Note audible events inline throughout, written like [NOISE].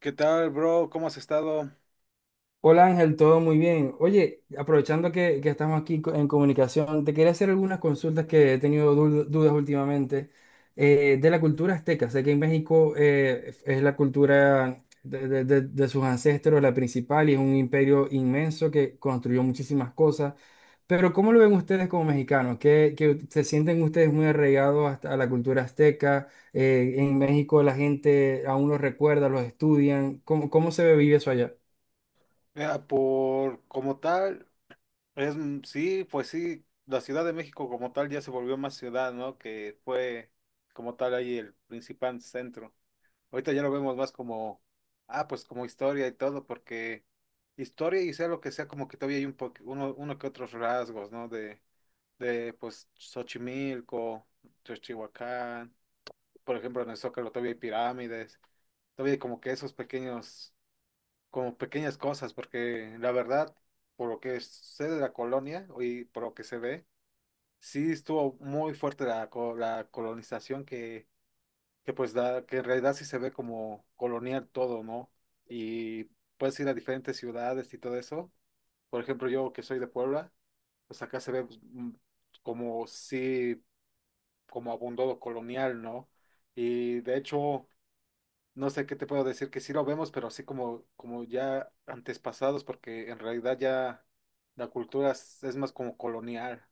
¿Qué tal, bro? ¿Cómo has estado? Hola Ángel, todo muy bien. Oye, aprovechando que estamos aquí en comunicación, te quería hacer algunas consultas que he tenido dudas últimamente de la cultura azteca. Sé que en México es la cultura de sus ancestros la principal y es un imperio inmenso que construyó muchísimas cosas. Pero ¿cómo lo ven ustedes como mexicanos? ¿Qué se sienten ustedes muy arraigados hasta a la cultura azteca? En México la gente aún los recuerda, los estudian. ¿Cómo se vive eso allá? Mira, por como tal, es sí, pues sí, la Ciudad de México como tal ya se volvió más ciudad, ¿no? Que fue como tal ahí el principal centro. Ahorita ya lo vemos más como, ah, pues como historia y todo, porque historia y sea lo que sea, como que todavía hay uno, uno que otros rasgos, ¿no? De pues Xochimilco, Teotihuacán, por ejemplo, en el Zócalo todavía hay pirámides, todavía hay como que esos pequeños como pequeñas cosas, porque la verdad, por lo que sé de la colonia y por lo que se ve, sí estuvo muy fuerte la colonización que pues da, que en realidad sí se ve como colonial todo, ¿no? Y puedes ir a diferentes ciudades y todo eso. Por ejemplo, yo que soy de Puebla, pues acá se ve pues, como sí, como abundó lo colonial, ¿no? Y de hecho, no sé qué te puedo decir, que sí lo vemos, pero así como, como ya antes pasados, porque en realidad ya la cultura es más como colonial.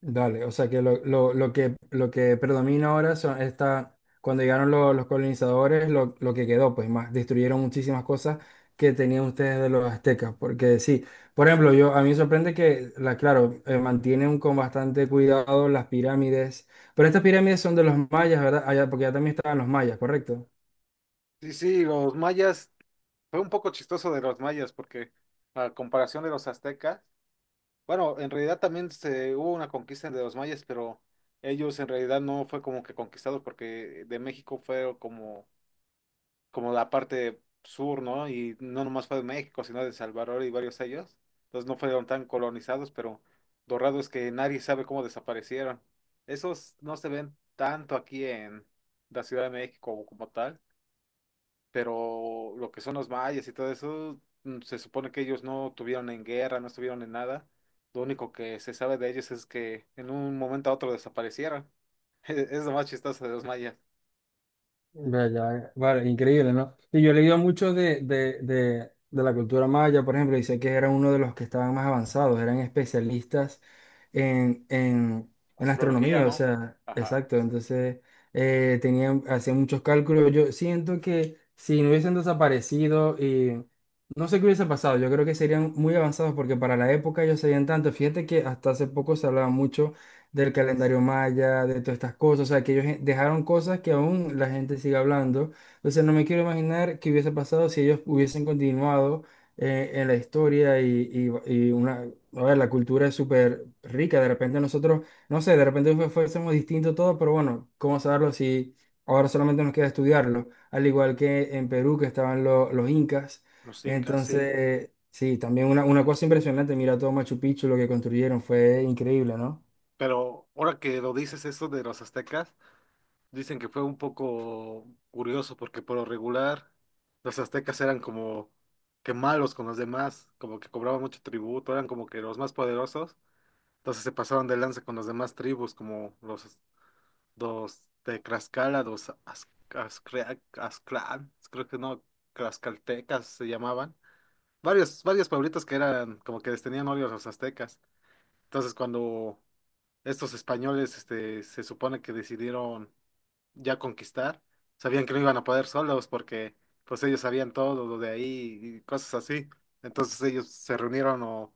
Dale, o sea que lo que predomina ahora son esta, cuando llegaron los colonizadores, lo que quedó, pues más, destruyeron muchísimas cosas que tenían ustedes de los aztecas, porque sí, por ejemplo, yo a mí me sorprende que, la, claro, mantienen con bastante cuidado las pirámides, pero estas pirámides son de los mayas, ¿verdad? Allá, porque ya también estaban los mayas, ¿correcto? Sí, sí, los mayas, fue un poco chistoso de los mayas, porque a comparación de los aztecas, bueno, en realidad también se, hubo una conquista de los mayas, pero ellos en realidad no fue como que conquistados, porque de México fue como la parte sur, ¿no? Y no nomás fue de México, sino de Salvador y varios ellos. Entonces no fueron tan colonizados, pero lo raro es que nadie sabe cómo desaparecieron. Esos no se ven tanto aquí en la Ciudad de México como tal, pero lo que son los mayas y todo eso, se supone que ellos no tuvieron en guerra, no estuvieron en nada. Lo único que se sabe de ellos es que en un momento a otro desaparecieron. [LAUGHS] Es lo más chistoso de los mayas. Vea, ya, vale, increíble, ¿no? Y yo he leído mucho de la cultura maya, por ejemplo, y sé que eran uno de los que estaban más avanzados, eran especialistas en Astrología, astronomía, o ¿no? sea, Ajá. exacto, entonces tenían, hacían muchos cálculos. Yo siento que si no hubiesen desaparecido y no sé qué hubiese pasado, yo creo que serían muy avanzados porque para la época ellos sabían tanto. Fíjate que hasta hace poco se hablaba mucho del calendario maya, de todas estas cosas, o sea, que ellos dejaron cosas que aún la gente sigue hablando. Entonces no me quiero imaginar qué hubiese pasado si ellos hubiesen continuado en la historia y una, a ver, la cultura es súper rica, de repente nosotros, no sé, de repente fuésemos distinto todo, pero bueno, ¿cómo saberlo si ahora solamente nos queda estudiarlo? Al igual que en Perú, que estaban los incas. Los incas, sí. Entonces, sí, también una cosa impresionante, mira todo Machu Picchu, lo que construyeron, fue increíble, ¿no? Pero ahora que lo dices eso de los aztecas, dicen que fue un poco curioso porque por lo regular los aztecas eran como que malos con los demás, como que cobraban mucho tributo, eran como que los más poderosos, entonces se pasaban de lanza con las demás tribus como los de Tlaxcala, los Azclan, creo que no, Tlaxcaltecas se llamaban, varios pueblitos que eran como que les tenían odio a los aztecas, entonces cuando estos españoles este, se supone que decidieron ya conquistar, sabían que no iban a poder solos porque pues ellos sabían todo lo de ahí y cosas así. Entonces ellos se reunieron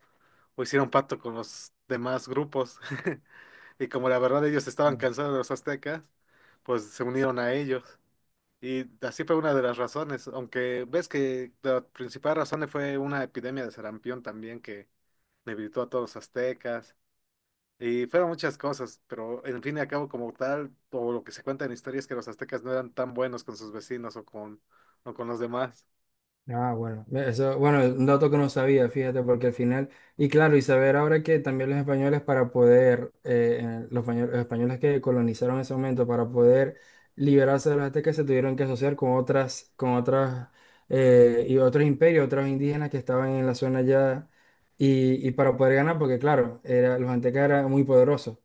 o hicieron pacto con los demás grupos. [LAUGHS] Y como la verdad ellos estaban cansados de los aztecas, pues se unieron a ellos. Y así fue una de las razones, aunque ves que la principal razón fue una epidemia de sarampión también que debilitó a todos los aztecas y fueron muchas cosas, pero en fin y al cabo, como tal, todo lo que se cuenta en historia es que los aztecas no eran tan buenos con sus vecinos o con los demás. Ah, bueno, eso, bueno, un dato que no sabía, fíjate, porque al final, y claro, y saber ahora que también los españoles para poder, los los españoles que colonizaron ese momento, para poder liberarse de los aztecas, se tuvieron que asociar con otras, y otros imperios, otros indígenas que estaban en la zona ya, y para poder ganar, porque claro, era, los aztecas eran muy poderosos,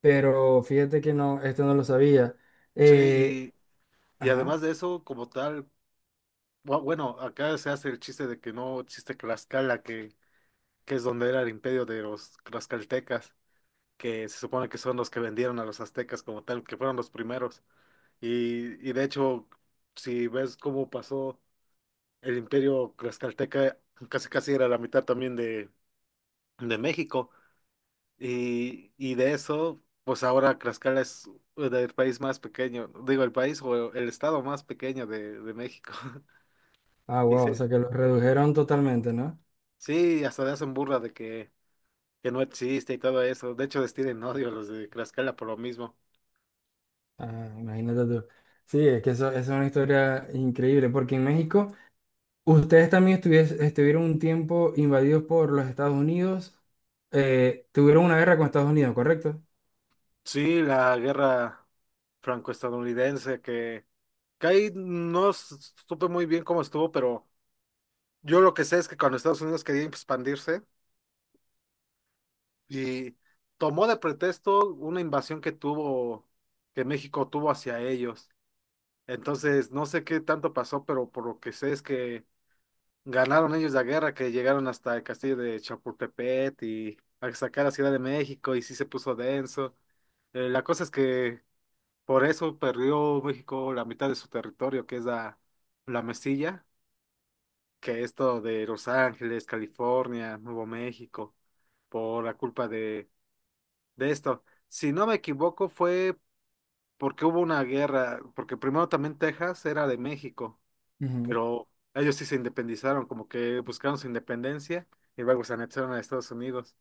pero fíjate que no, esto no lo sabía. Eh, Sí, y además ajá, de eso, como tal, bueno, acá se hace el chiste de que no existe Tlaxcala, que es donde era el imperio de los tlaxcaltecas, que se supone que son los que vendieron a los aztecas como tal, que fueron los primeros. Y de hecho, si ves cómo pasó el imperio tlaxcalteca, casi casi era la mitad también de México. Y de eso, pues ahora Tlaxcala es el país más pequeño, digo, el país o el estado más pequeño de México. [LAUGHS] ah, Y wow, o sí, sea que los redujeron totalmente, ¿no? sí, hasta le hacen burla de que no existe y todo eso. De hecho, les tienen odio a los de Tlaxcala por lo mismo. Ah, imagínate tú. Sí, es que eso es una historia increíble, porque en México ustedes también estuvieron un tiempo invadidos por los Estados Unidos, tuvieron una guerra con Estados Unidos, ¿correcto? Sí, la guerra franco-estadounidense que ahí no s- supe muy bien cómo estuvo, pero yo lo que sé es que cuando Estados Unidos quería expandirse, y tomó de pretexto una invasión que tuvo, que México tuvo hacia ellos. Entonces, no sé qué tanto pasó, pero por lo que sé es que ganaron ellos la guerra, que llegaron hasta el castillo de Chapultepec y hasta acá la Ciudad de México y sí se puso denso. La cosa es que por eso perdió México la mitad de su territorio, que es la Mesilla, que es todo de Los Ángeles, California, Nuevo México, por la culpa de esto. Si no me equivoco, fue porque hubo una guerra, porque primero también Texas era de México, Ujú. pero ellos sí se independizaron, como que buscaron su independencia y luego se anexaron a Estados Unidos.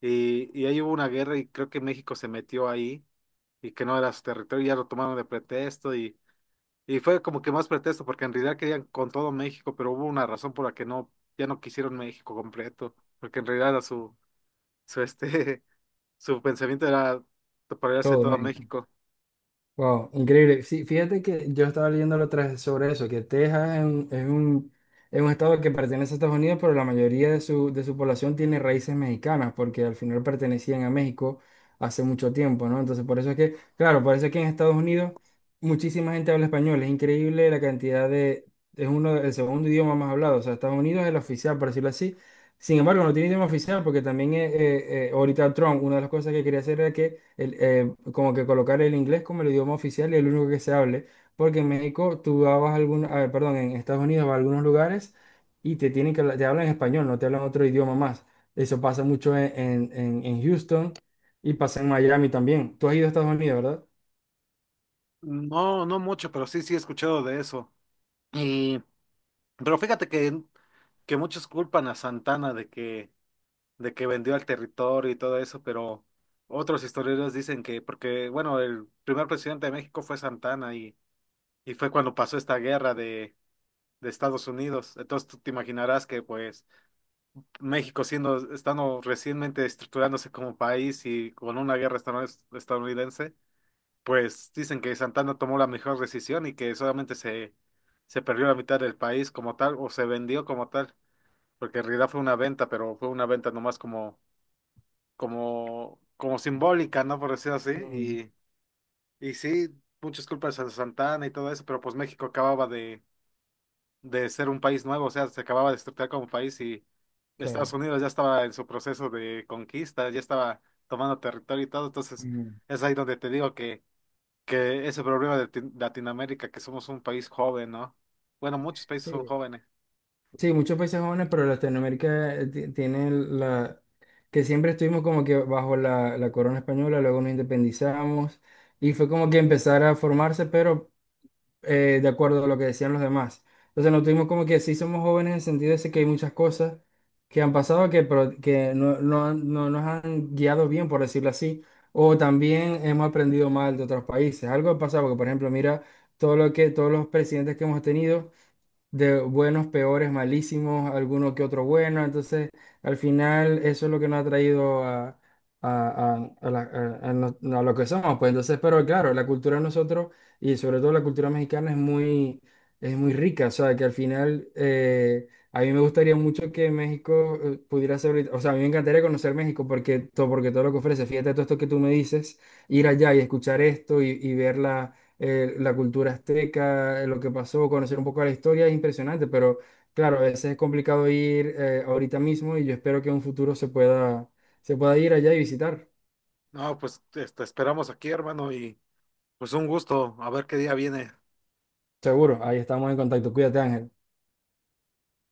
Y ahí hubo una guerra y creo que México se metió ahí y que no era su territorio, ya lo tomaron de pretexto y fue como que más pretexto porque en realidad querían con todo México, pero hubo una razón por la que no, ya no quisieron México completo, porque en realidad era su, su este, su pensamiento era apoderarse de Todo todo México. México. Wow, increíble. Sí, fíjate que yo estaba leyendo la otra vez sobre eso, que Texas es un estado que pertenece a Estados Unidos, pero la mayoría de su población tiene raíces mexicanas, porque al final pertenecían a México hace mucho tiempo, ¿no? Entonces, por eso es que, claro, por eso es que en Estados Unidos muchísima gente habla español. Es increíble la cantidad de, es uno, el segundo idioma más hablado. O sea, Estados Unidos es el oficial, por decirlo así, sin embargo, no tiene idioma oficial porque también ahorita Trump, una de las cosas que quería hacer era que el, como que colocar el inglés como el idioma oficial y el único que se hable, porque en México tú vas a algún, a ver, perdón, en Estados Unidos vas a algunos lugares y te tienen que te hablan español, no te hablan otro idioma más. Eso pasa mucho en Houston y pasa en Miami también. Tú has ido a Estados Unidos, ¿verdad? No, no mucho, pero sí, sí he escuchado de eso. Y, pero fíjate que muchos culpan a Santana de que vendió el territorio y todo eso, pero otros historiadores dicen que, porque, bueno, el primer presidente de México fue Santana y fue cuando pasó esta guerra de Estados Unidos. Entonces tú te imaginarás que, pues, México siendo, estando recientemente estructurándose como país y con una guerra estadounidense. Pues dicen que Santana tomó la mejor decisión y que solamente se perdió la mitad del país como tal, o se vendió como tal, porque en realidad fue una venta, pero fue una venta nomás como simbólica, ¿no? Por decirlo así. Mm, Y sí, muchas culpas a Santana y todo eso, pero pues México acababa de ser un país nuevo, o sea, se acababa de estructurar como país y Estados claro. Unidos ya estaba en su proceso de conquista, ya estaba tomando territorio y todo, entonces Mm. es ahí donde te digo que ese problema de Latinoamérica, que somos un país joven, ¿no? Bueno, muchos países son Sí. jóvenes. Sí, muchos países jóvenes, pero Latinoamérica tiene la... que siempre estuvimos como que bajo la, la corona española, luego nos independizamos y fue como que empezar a formarse, pero de acuerdo a lo que decían los demás. Entonces nos tuvimos como que sí somos jóvenes en el sentido ese que hay muchas cosas que han pasado que, que no nos han guiado bien, por decirlo así, o también hemos aprendido mal de otros países. Algo ha pasado, porque por ejemplo, mira todo lo que, todos los presidentes que hemos tenido de buenos, peores, malísimos, alguno que otro bueno. Entonces, al final, eso es lo que nos ha traído a la- a no- a lo que somos. Pues entonces, pero claro, la cultura de nosotros y sobre todo la cultura mexicana es muy rica. O sea, que al final, a mí me gustaría mucho que México pudiera ser, o sea, a mí me encantaría conocer México porque todo lo que ofrece, fíjate todo esto que tú me dices, ir allá y escuchar esto y verla la cultura azteca, lo que pasó, conocer un poco la historia es impresionante, pero claro, a veces es complicado ir ahorita mismo y yo espero que en un futuro se pueda ir allá y visitar. No, pues este esperamos aquí, hermano, y pues un gusto, a ver qué día viene. Seguro, ahí estamos en contacto. Cuídate, Ángel.